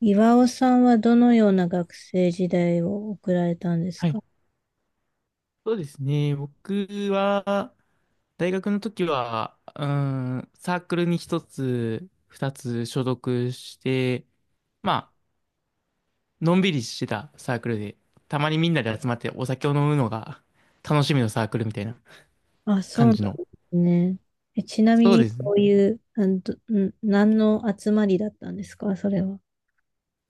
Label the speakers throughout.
Speaker 1: 岩尾さんはどのような学生時代を送られたんです
Speaker 2: はい、
Speaker 1: か？
Speaker 2: そうですね。僕は、大学の時は、うん、サークルに一つ、二つ所属して、まあ、のんびりしてたサークルで、たまにみんなで集まってお酒を飲むのが楽しみのサークルみたいな
Speaker 1: あ、そう
Speaker 2: 感
Speaker 1: なんで
Speaker 2: じの。
Speaker 1: すね。え、ちなみ
Speaker 2: そう
Speaker 1: に、
Speaker 2: です
Speaker 1: こ
Speaker 2: ね。
Speaker 1: ういう、あのどん何の集まりだったんですかそれは？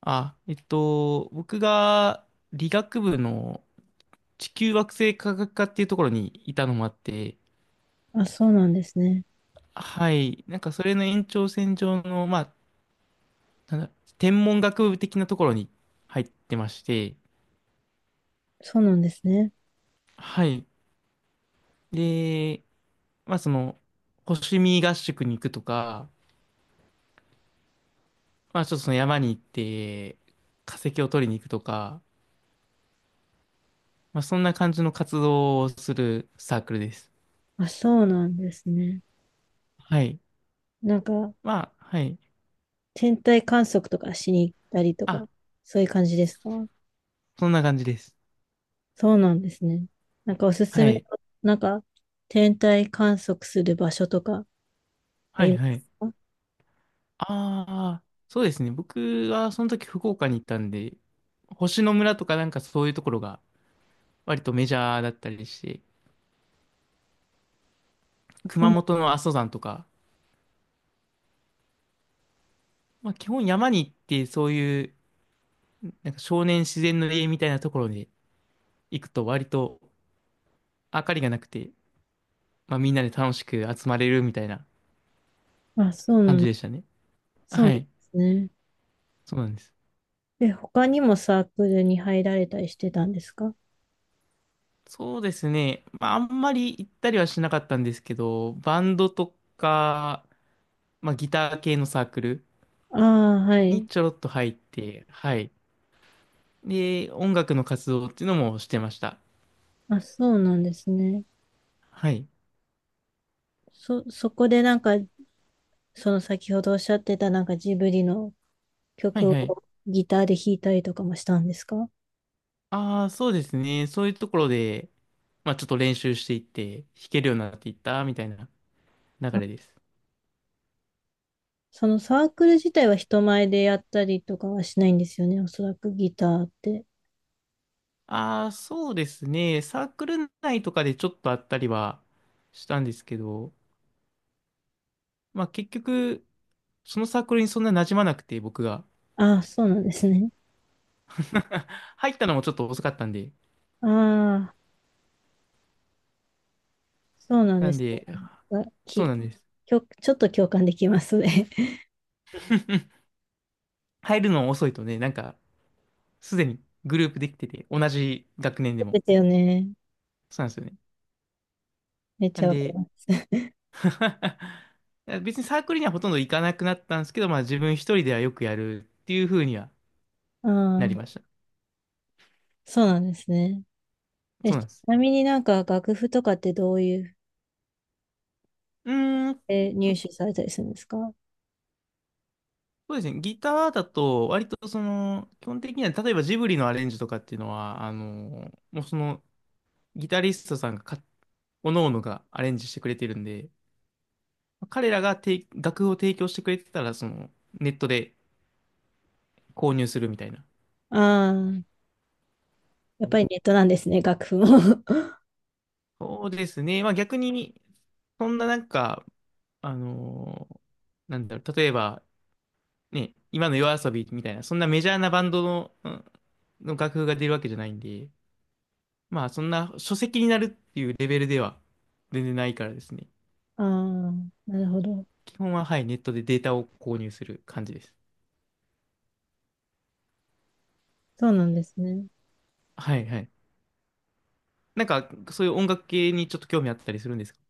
Speaker 2: あ、僕が理学部の地球惑星科学科っていうところにいたのもあって、
Speaker 1: あ、そうなんですね。
Speaker 2: はい、なんかそれの延長線上の、まあ、なんだ、天文学部的なところに入ってまして、
Speaker 1: そうなんですね。
Speaker 2: はい。で、まあその、星見合宿に行くとか、まあちょっとその山に行って化石を取りに行くとか、まあそんな感じの活動をするサークルです。
Speaker 1: あ、そうなんですね。
Speaker 2: はい。
Speaker 1: なんか、
Speaker 2: まあ、はい。
Speaker 1: 天体観測とかしに行ったりとか、
Speaker 2: あ、
Speaker 1: そういう感じですか？
Speaker 2: そんな感じです。
Speaker 1: そうなんですね。なんかおすす
Speaker 2: は
Speaker 1: め
Speaker 2: い。
Speaker 1: の、なんか、天体観測する場所とかあ
Speaker 2: はい、
Speaker 1: りま
Speaker 2: はい。
Speaker 1: すか？
Speaker 2: ああ、そうですね。僕はその時福岡に行ったんで、星の村とかなんかそういうところが割とメジャーだったりして、熊本の阿蘇山とか、まあ、基本山に行ってそういうなんか少年自然の家みたいなところに行くと割と明かりがなくて、まあ、みんなで楽しく集まれるみたいな
Speaker 1: あ、あそう
Speaker 2: 感
Speaker 1: な
Speaker 2: じ
Speaker 1: ん、
Speaker 2: でしたね。
Speaker 1: そうな
Speaker 2: は
Speaker 1: んで
Speaker 2: い。
Speaker 1: すね。
Speaker 2: そうなんです。
Speaker 1: で、他にもサークルに入られたりしてたんですか？
Speaker 2: そうですね。まあ、あんまり行ったりはしなかったんですけど、バンドとか、まあ、ギター系のサークル
Speaker 1: ああ、は
Speaker 2: に
Speaker 1: い。
Speaker 2: ちょろっと入って、はい。で、音楽の活動っていうのもしてました。
Speaker 1: あ、そうなんですね。
Speaker 2: はい。
Speaker 1: そこでなんか、その先ほどおっしゃってたなんかジブリの
Speaker 2: はい
Speaker 1: 曲
Speaker 2: はい。
Speaker 1: をギターで弾いたりとかもしたんですか？
Speaker 2: ああ、そうですね。そういうところで、まあちょっと練習していって、弾けるようになっていったみたいな流
Speaker 1: あ、
Speaker 2: れです。
Speaker 1: そのサークル自体は人前でやったりとかはしないんですよね。おそらくギターって。
Speaker 2: ああ、そうですね。サークル内とかでちょっとあったりはしたんですけど、まあ結局、そのサークルにそんな馴染まなくて、僕が。
Speaker 1: ああ、そうなんですね。
Speaker 2: 入ったのもちょっと遅かったんで。
Speaker 1: ああ、そうなん
Speaker 2: な
Speaker 1: で
Speaker 2: ん
Speaker 1: す
Speaker 2: で、
Speaker 1: ね。あ、
Speaker 2: そう
Speaker 1: き、
Speaker 2: なんです。
Speaker 1: きょ、ちょっと共感できますね。
Speaker 2: 入るの遅いとね、なんか、すでにグループできてて、同じ学年で も。
Speaker 1: ですよね。
Speaker 2: そうなんですよね。
Speaker 1: めっ
Speaker 2: な
Speaker 1: ちゃ
Speaker 2: ん
Speaker 1: わか
Speaker 2: で、
Speaker 1: ります。
Speaker 2: 別にサークルにはほとんど行かなくなったんですけど、まあ自分一人ではよくやるっていう風には
Speaker 1: あ
Speaker 2: なりま
Speaker 1: あ。
Speaker 2: した。
Speaker 1: そうなんですね。え、
Speaker 2: そうなん
Speaker 1: ち
Speaker 2: です。
Speaker 1: なみになんか楽譜とかってどういう
Speaker 2: うーん、
Speaker 1: 入手されたりするんですか？
Speaker 2: そうですね。ギターだと、割と、基本的には、例えばジブリのアレンジとかっていうのは、もうその、ギタリストさんがか、おのおのがアレンジしてくれてるんで、彼らがて楽譜を提供してくれてたら、ネットで購入するみたいな。
Speaker 1: ああー、やっ
Speaker 2: う
Speaker 1: ぱ
Speaker 2: ん、
Speaker 1: りネットなんですね、楽譜も。
Speaker 2: そうですね。まあ逆に、そんななんか、あのー例えば、ね、今の夜遊びみたいな、そんなメジャーなバンドの、うんの楽譜が出るわけじゃないんで、まあ、そんな書籍になるっていうレベルでは全然ないからですね。
Speaker 1: ああ、なるほど。
Speaker 2: 基本は、はい、ネットでデータを購入する感じです。
Speaker 1: そうなんですね。
Speaker 2: はいはい。なんか、そういう音楽系にちょっと興味あったりするんですか？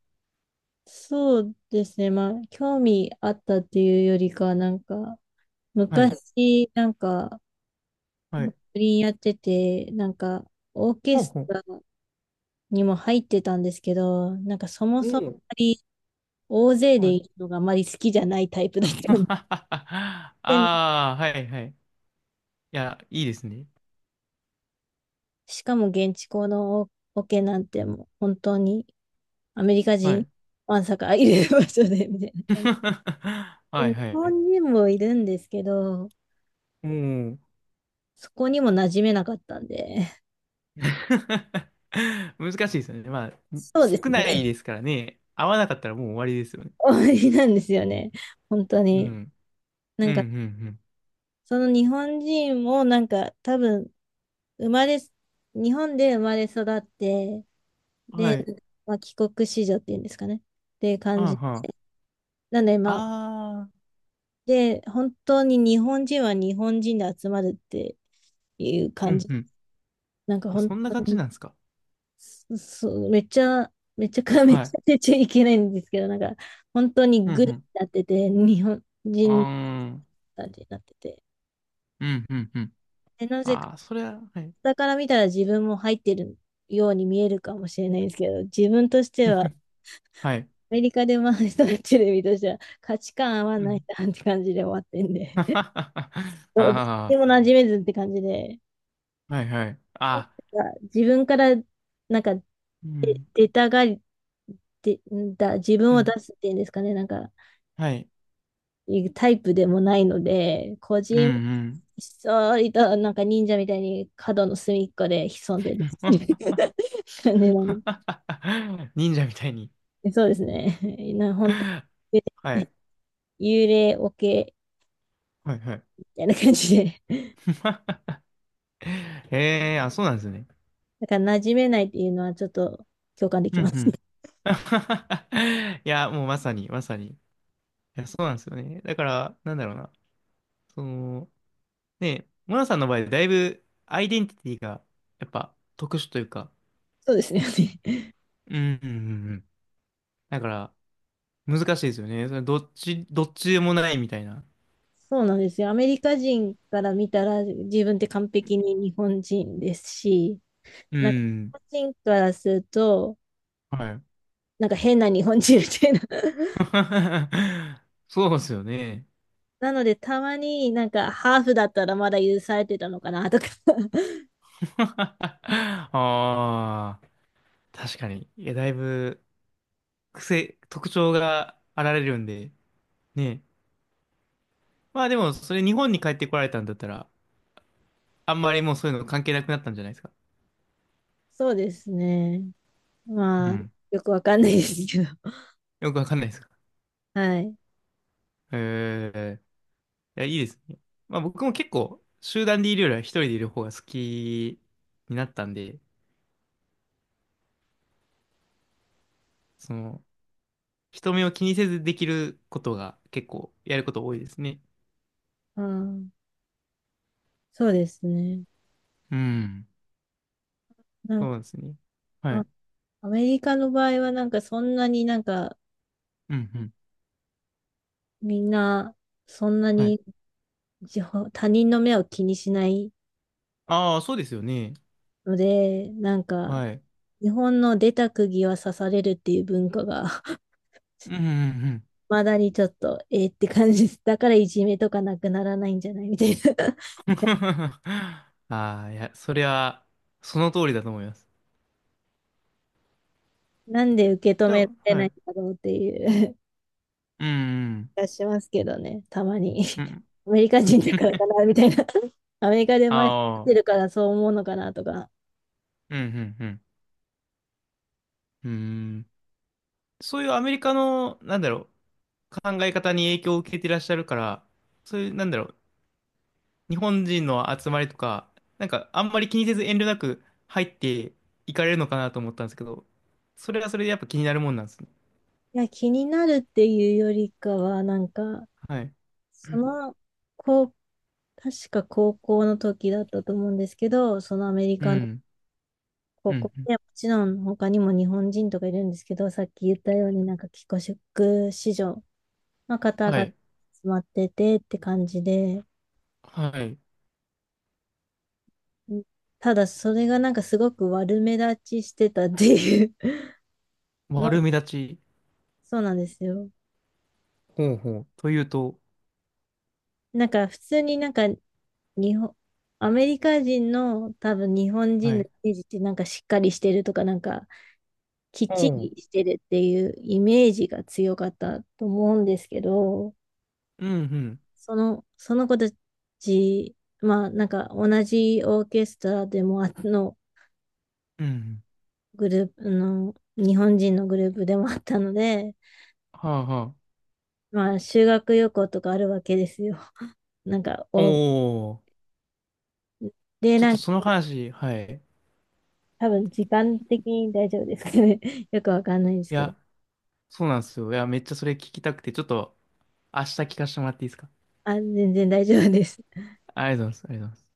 Speaker 1: そうですね。まあ、興味あったっていうよりかは、なんか、
Speaker 2: はい、
Speaker 1: 昔、なんか、
Speaker 2: は
Speaker 1: バ
Speaker 2: い。
Speaker 1: イオリンやってて、なんか、オーケ
Speaker 2: ほう
Speaker 1: ス
Speaker 2: ほう。
Speaker 1: トラにも入ってたんですけど、なんかそもそもあま
Speaker 2: お
Speaker 1: り大勢
Speaker 2: お、
Speaker 1: で
Speaker 2: はい。
Speaker 1: いるのがあまり好きじゃないタイプだったん
Speaker 2: あ
Speaker 1: で。
Speaker 2: あ、はいはい。いや、いいですね。
Speaker 1: しかも現地校のオケなんてもう本当にアメリカ
Speaker 2: は
Speaker 1: 人
Speaker 2: い。
Speaker 1: わんさかいる場所でみたいな感じ。で
Speaker 2: はい
Speaker 1: 日
Speaker 2: はい。
Speaker 1: 本人もいるんですけど、
Speaker 2: おお。
Speaker 1: そこにも馴染めなかったんで。
Speaker 2: 難しいですよね。まあ、
Speaker 1: そうです
Speaker 2: 少
Speaker 1: ね。
Speaker 2: ない ですからね。合わなかったらもう終わりですよね。
Speaker 1: 終わりなんですよね。本当
Speaker 2: う
Speaker 1: に。
Speaker 2: ん。
Speaker 1: な
Speaker 2: うんう
Speaker 1: んか、
Speaker 2: ん
Speaker 1: その日本人もなんか多分生まれ、日本で生まれ育って、
Speaker 2: うん。
Speaker 1: で、
Speaker 2: はい。
Speaker 1: まあ、帰国子女っていうんですかね。っていう感
Speaker 2: はん
Speaker 1: じ。
Speaker 2: はん。
Speaker 1: なんで、まあ、
Speaker 2: あー、
Speaker 1: で、本当に日本人は日本人で集まるっていう
Speaker 2: う
Speaker 1: 感
Speaker 2: ん
Speaker 1: じ。
Speaker 2: うん。
Speaker 1: なんか
Speaker 2: あ、
Speaker 1: 本
Speaker 2: そんな
Speaker 1: 当
Speaker 2: 感じ
Speaker 1: に、
Speaker 2: なんですか？
Speaker 1: そうめっちゃ、めちゃくちゃ めっ
Speaker 2: は
Speaker 1: ち
Speaker 2: い。
Speaker 1: ゃ出ちゃいけないんですけど、なんか本当に
Speaker 2: うんう
Speaker 1: グルに
Speaker 2: ん。
Speaker 1: なってて、日本
Speaker 2: あ
Speaker 1: 人
Speaker 2: ーん、
Speaker 1: たちになってて。
Speaker 2: うんうんうん。
Speaker 1: で、なぜか、
Speaker 2: あー、それは、はい。
Speaker 1: 下から見たら自分も入ってるように見えるかもしれないんですけど、自分としては、
Speaker 2: はい。
Speaker 1: アメリカで回したテレビとしては価値観合わ
Speaker 2: う
Speaker 1: ない
Speaker 2: ん。
Speaker 1: なって感じで終わってんで、どうどっ
Speaker 2: あ
Speaker 1: ちも馴染めずって感じで、
Speaker 2: ー、はいはい。
Speaker 1: そ
Speaker 2: あ
Speaker 1: うなんか自分からなんか
Speaker 2: ー、うん、
Speaker 1: 出たがり、で、自分
Speaker 2: う
Speaker 1: を出
Speaker 2: ん。
Speaker 1: すっていうんですかね、なんか、
Speaker 2: はいはいあ
Speaker 1: いうタイプでもないので、
Speaker 2: う
Speaker 1: ひ
Speaker 2: んう
Speaker 1: っそりと、なんか忍者みたいに角の隅っこで潜んでる
Speaker 2: ん。
Speaker 1: 感じの、
Speaker 2: 忍者みたいに。
Speaker 1: そうですね。本当
Speaker 2: はい。
Speaker 1: 幽霊オケ
Speaker 2: はいはい。
Speaker 1: みたいな感じで、
Speaker 2: ええー、あ、そうなんですね。
Speaker 1: だから馴染めないっていうのはちょっと共感で
Speaker 2: う
Speaker 1: き
Speaker 2: ん
Speaker 1: ま
Speaker 2: う
Speaker 1: す。
Speaker 2: ん。いや、もうまさに、まさに。いや、そうなんですよね。だから、なんだろうな。その、ね、モナさんの場合、だいぶアイデンティティがやっぱ特殊というか、
Speaker 1: そうですね。
Speaker 2: うん、うん、うんうん。だから難しいですよね。それどっち、どっちでもないみたいな。
Speaker 1: そうなんですよ。アメリカ人から見たら自分って完璧に日本人ですし、
Speaker 2: う
Speaker 1: なんか、日
Speaker 2: ん。
Speaker 1: 本人からすると、
Speaker 2: はい。
Speaker 1: なんか変な日本人みたいな。
Speaker 2: そうですよね。
Speaker 1: なので、たまになんかハーフだったらまだ許されてたのかなとか。
Speaker 2: ああ、確かに。いや、だいぶ癖、特徴があられるんで、ね。まあでも、それ日本に帰ってこられたんだったら、あんまりもうそういうの関係なくなったんじゃないですか？
Speaker 1: そうですね。
Speaker 2: う
Speaker 1: まあ、
Speaker 2: ん。
Speaker 1: よくわかんないですけど。
Speaker 2: よくわかんないですか？
Speaker 1: はい。
Speaker 2: へえ、や、いいですね。まあ僕も結構、集団でいるよりは一人でいる方が好きになったんで、その、人目を気にせずできることが結構やること多いですね。
Speaker 1: うん、そうですね。
Speaker 2: うん。
Speaker 1: なんか、
Speaker 2: そうですね。は
Speaker 1: あ
Speaker 2: い。
Speaker 1: アメリカの場合はなんかそんなになんか
Speaker 2: うんうん。
Speaker 1: みんなそんな
Speaker 2: はい。
Speaker 1: に自他人の目を気にしない
Speaker 2: ああ、そうですよね。
Speaker 1: ので、なんか
Speaker 2: はい。
Speaker 1: 日本の出た釘は刺されるっていう文化が、
Speaker 2: うんうん
Speaker 1: まだにちょっと、えーって感じです。だからいじめとかなくならないんじゃないみたいな。
Speaker 2: うん。ああ、いや、それは、その通りだと思います。
Speaker 1: なんで受け止
Speaker 2: じゃ
Speaker 1: めら
Speaker 2: あ、
Speaker 1: れ
Speaker 2: は
Speaker 1: ないん
Speaker 2: い。
Speaker 1: だろうっていう
Speaker 2: うんうん
Speaker 1: 気がしますけどね、たまに。
Speaker 2: うん。う ん。
Speaker 1: アメリカ人だからかな、みたいな。アメリカで
Speaker 2: あ
Speaker 1: 回し
Speaker 2: あ、
Speaker 1: てるからそう思うのかなとか。
Speaker 2: うんうんうん。うん。そういうアメリカの、考え方に影響を受けていらっしゃるから、そういう、日本人の集まりとか、なんかあんまり気にせず遠慮なく入っていかれるのかなと思ったんですけど、それはそれでやっぱ気になるもんなんですね。
Speaker 1: いや、気になるっていうよりかは、なんか、
Speaker 2: はい。
Speaker 1: その、こう、確か高校の時だったと思うんですけど、そのアメリ
Speaker 2: う
Speaker 1: カの
Speaker 2: ん。
Speaker 1: こ
Speaker 2: う
Speaker 1: こ
Speaker 2: ん。
Speaker 1: でもちろん他にも日本人とかいるんですけど、さっき言ったようになんか帰国子女の方
Speaker 2: は
Speaker 1: が集
Speaker 2: い。
Speaker 1: まっててって感じで、
Speaker 2: はい。
Speaker 1: うん、ただそれがなんかすごく悪目立ちしてたっていう の、
Speaker 2: 悪目立ち。
Speaker 1: そうなんですよ。
Speaker 2: ほうほう。というと、
Speaker 1: なんか普通になんか日本、アメリカ人の多分日本
Speaker 2: は
Speaker 1: 人のイ
Speaker 2: い。
Speaker 1: メージってなんかしっかりしてるとかなんかきっち
Speaker 2: おう。
Speaker 1: りしてるっていうイメージが強かったと思うんですけど、
Speaker 2: うん、うん。
Speaker 1: その、その子たち、まあ、なんか同じオーケストラでもあの
Speaker 2: うん。
Speaker 1: グループの、日本人のグループでもあったので、
Speaker 2: はあ、は
Speaker 1: まあ、修学旅行とかあるわけですよ。なんか、
Speaker 2: あ。お
Speaker 1: お、
Speaker 2: お。
Speaker 1: で、
Speaker 2: ちょっ
Speaker 1: な
Speaker 2: と
Speaker 1: んか、
Speaker 2: その話、はい。
Speaker 1: 多分時間的に大丈夫ですけど、ね、よくわかんないんです
Speaker 2: い
Speaker 1: けど、
Speaker 2: や、そうなんですよ。いや、めっちゃそれ聞きたくて、ちょっと明日聞かせてもらっていいですか？
Speaker 1: あ、全然大丈夫です。
Speaker 2: ありがとうございます。ありがとうございます。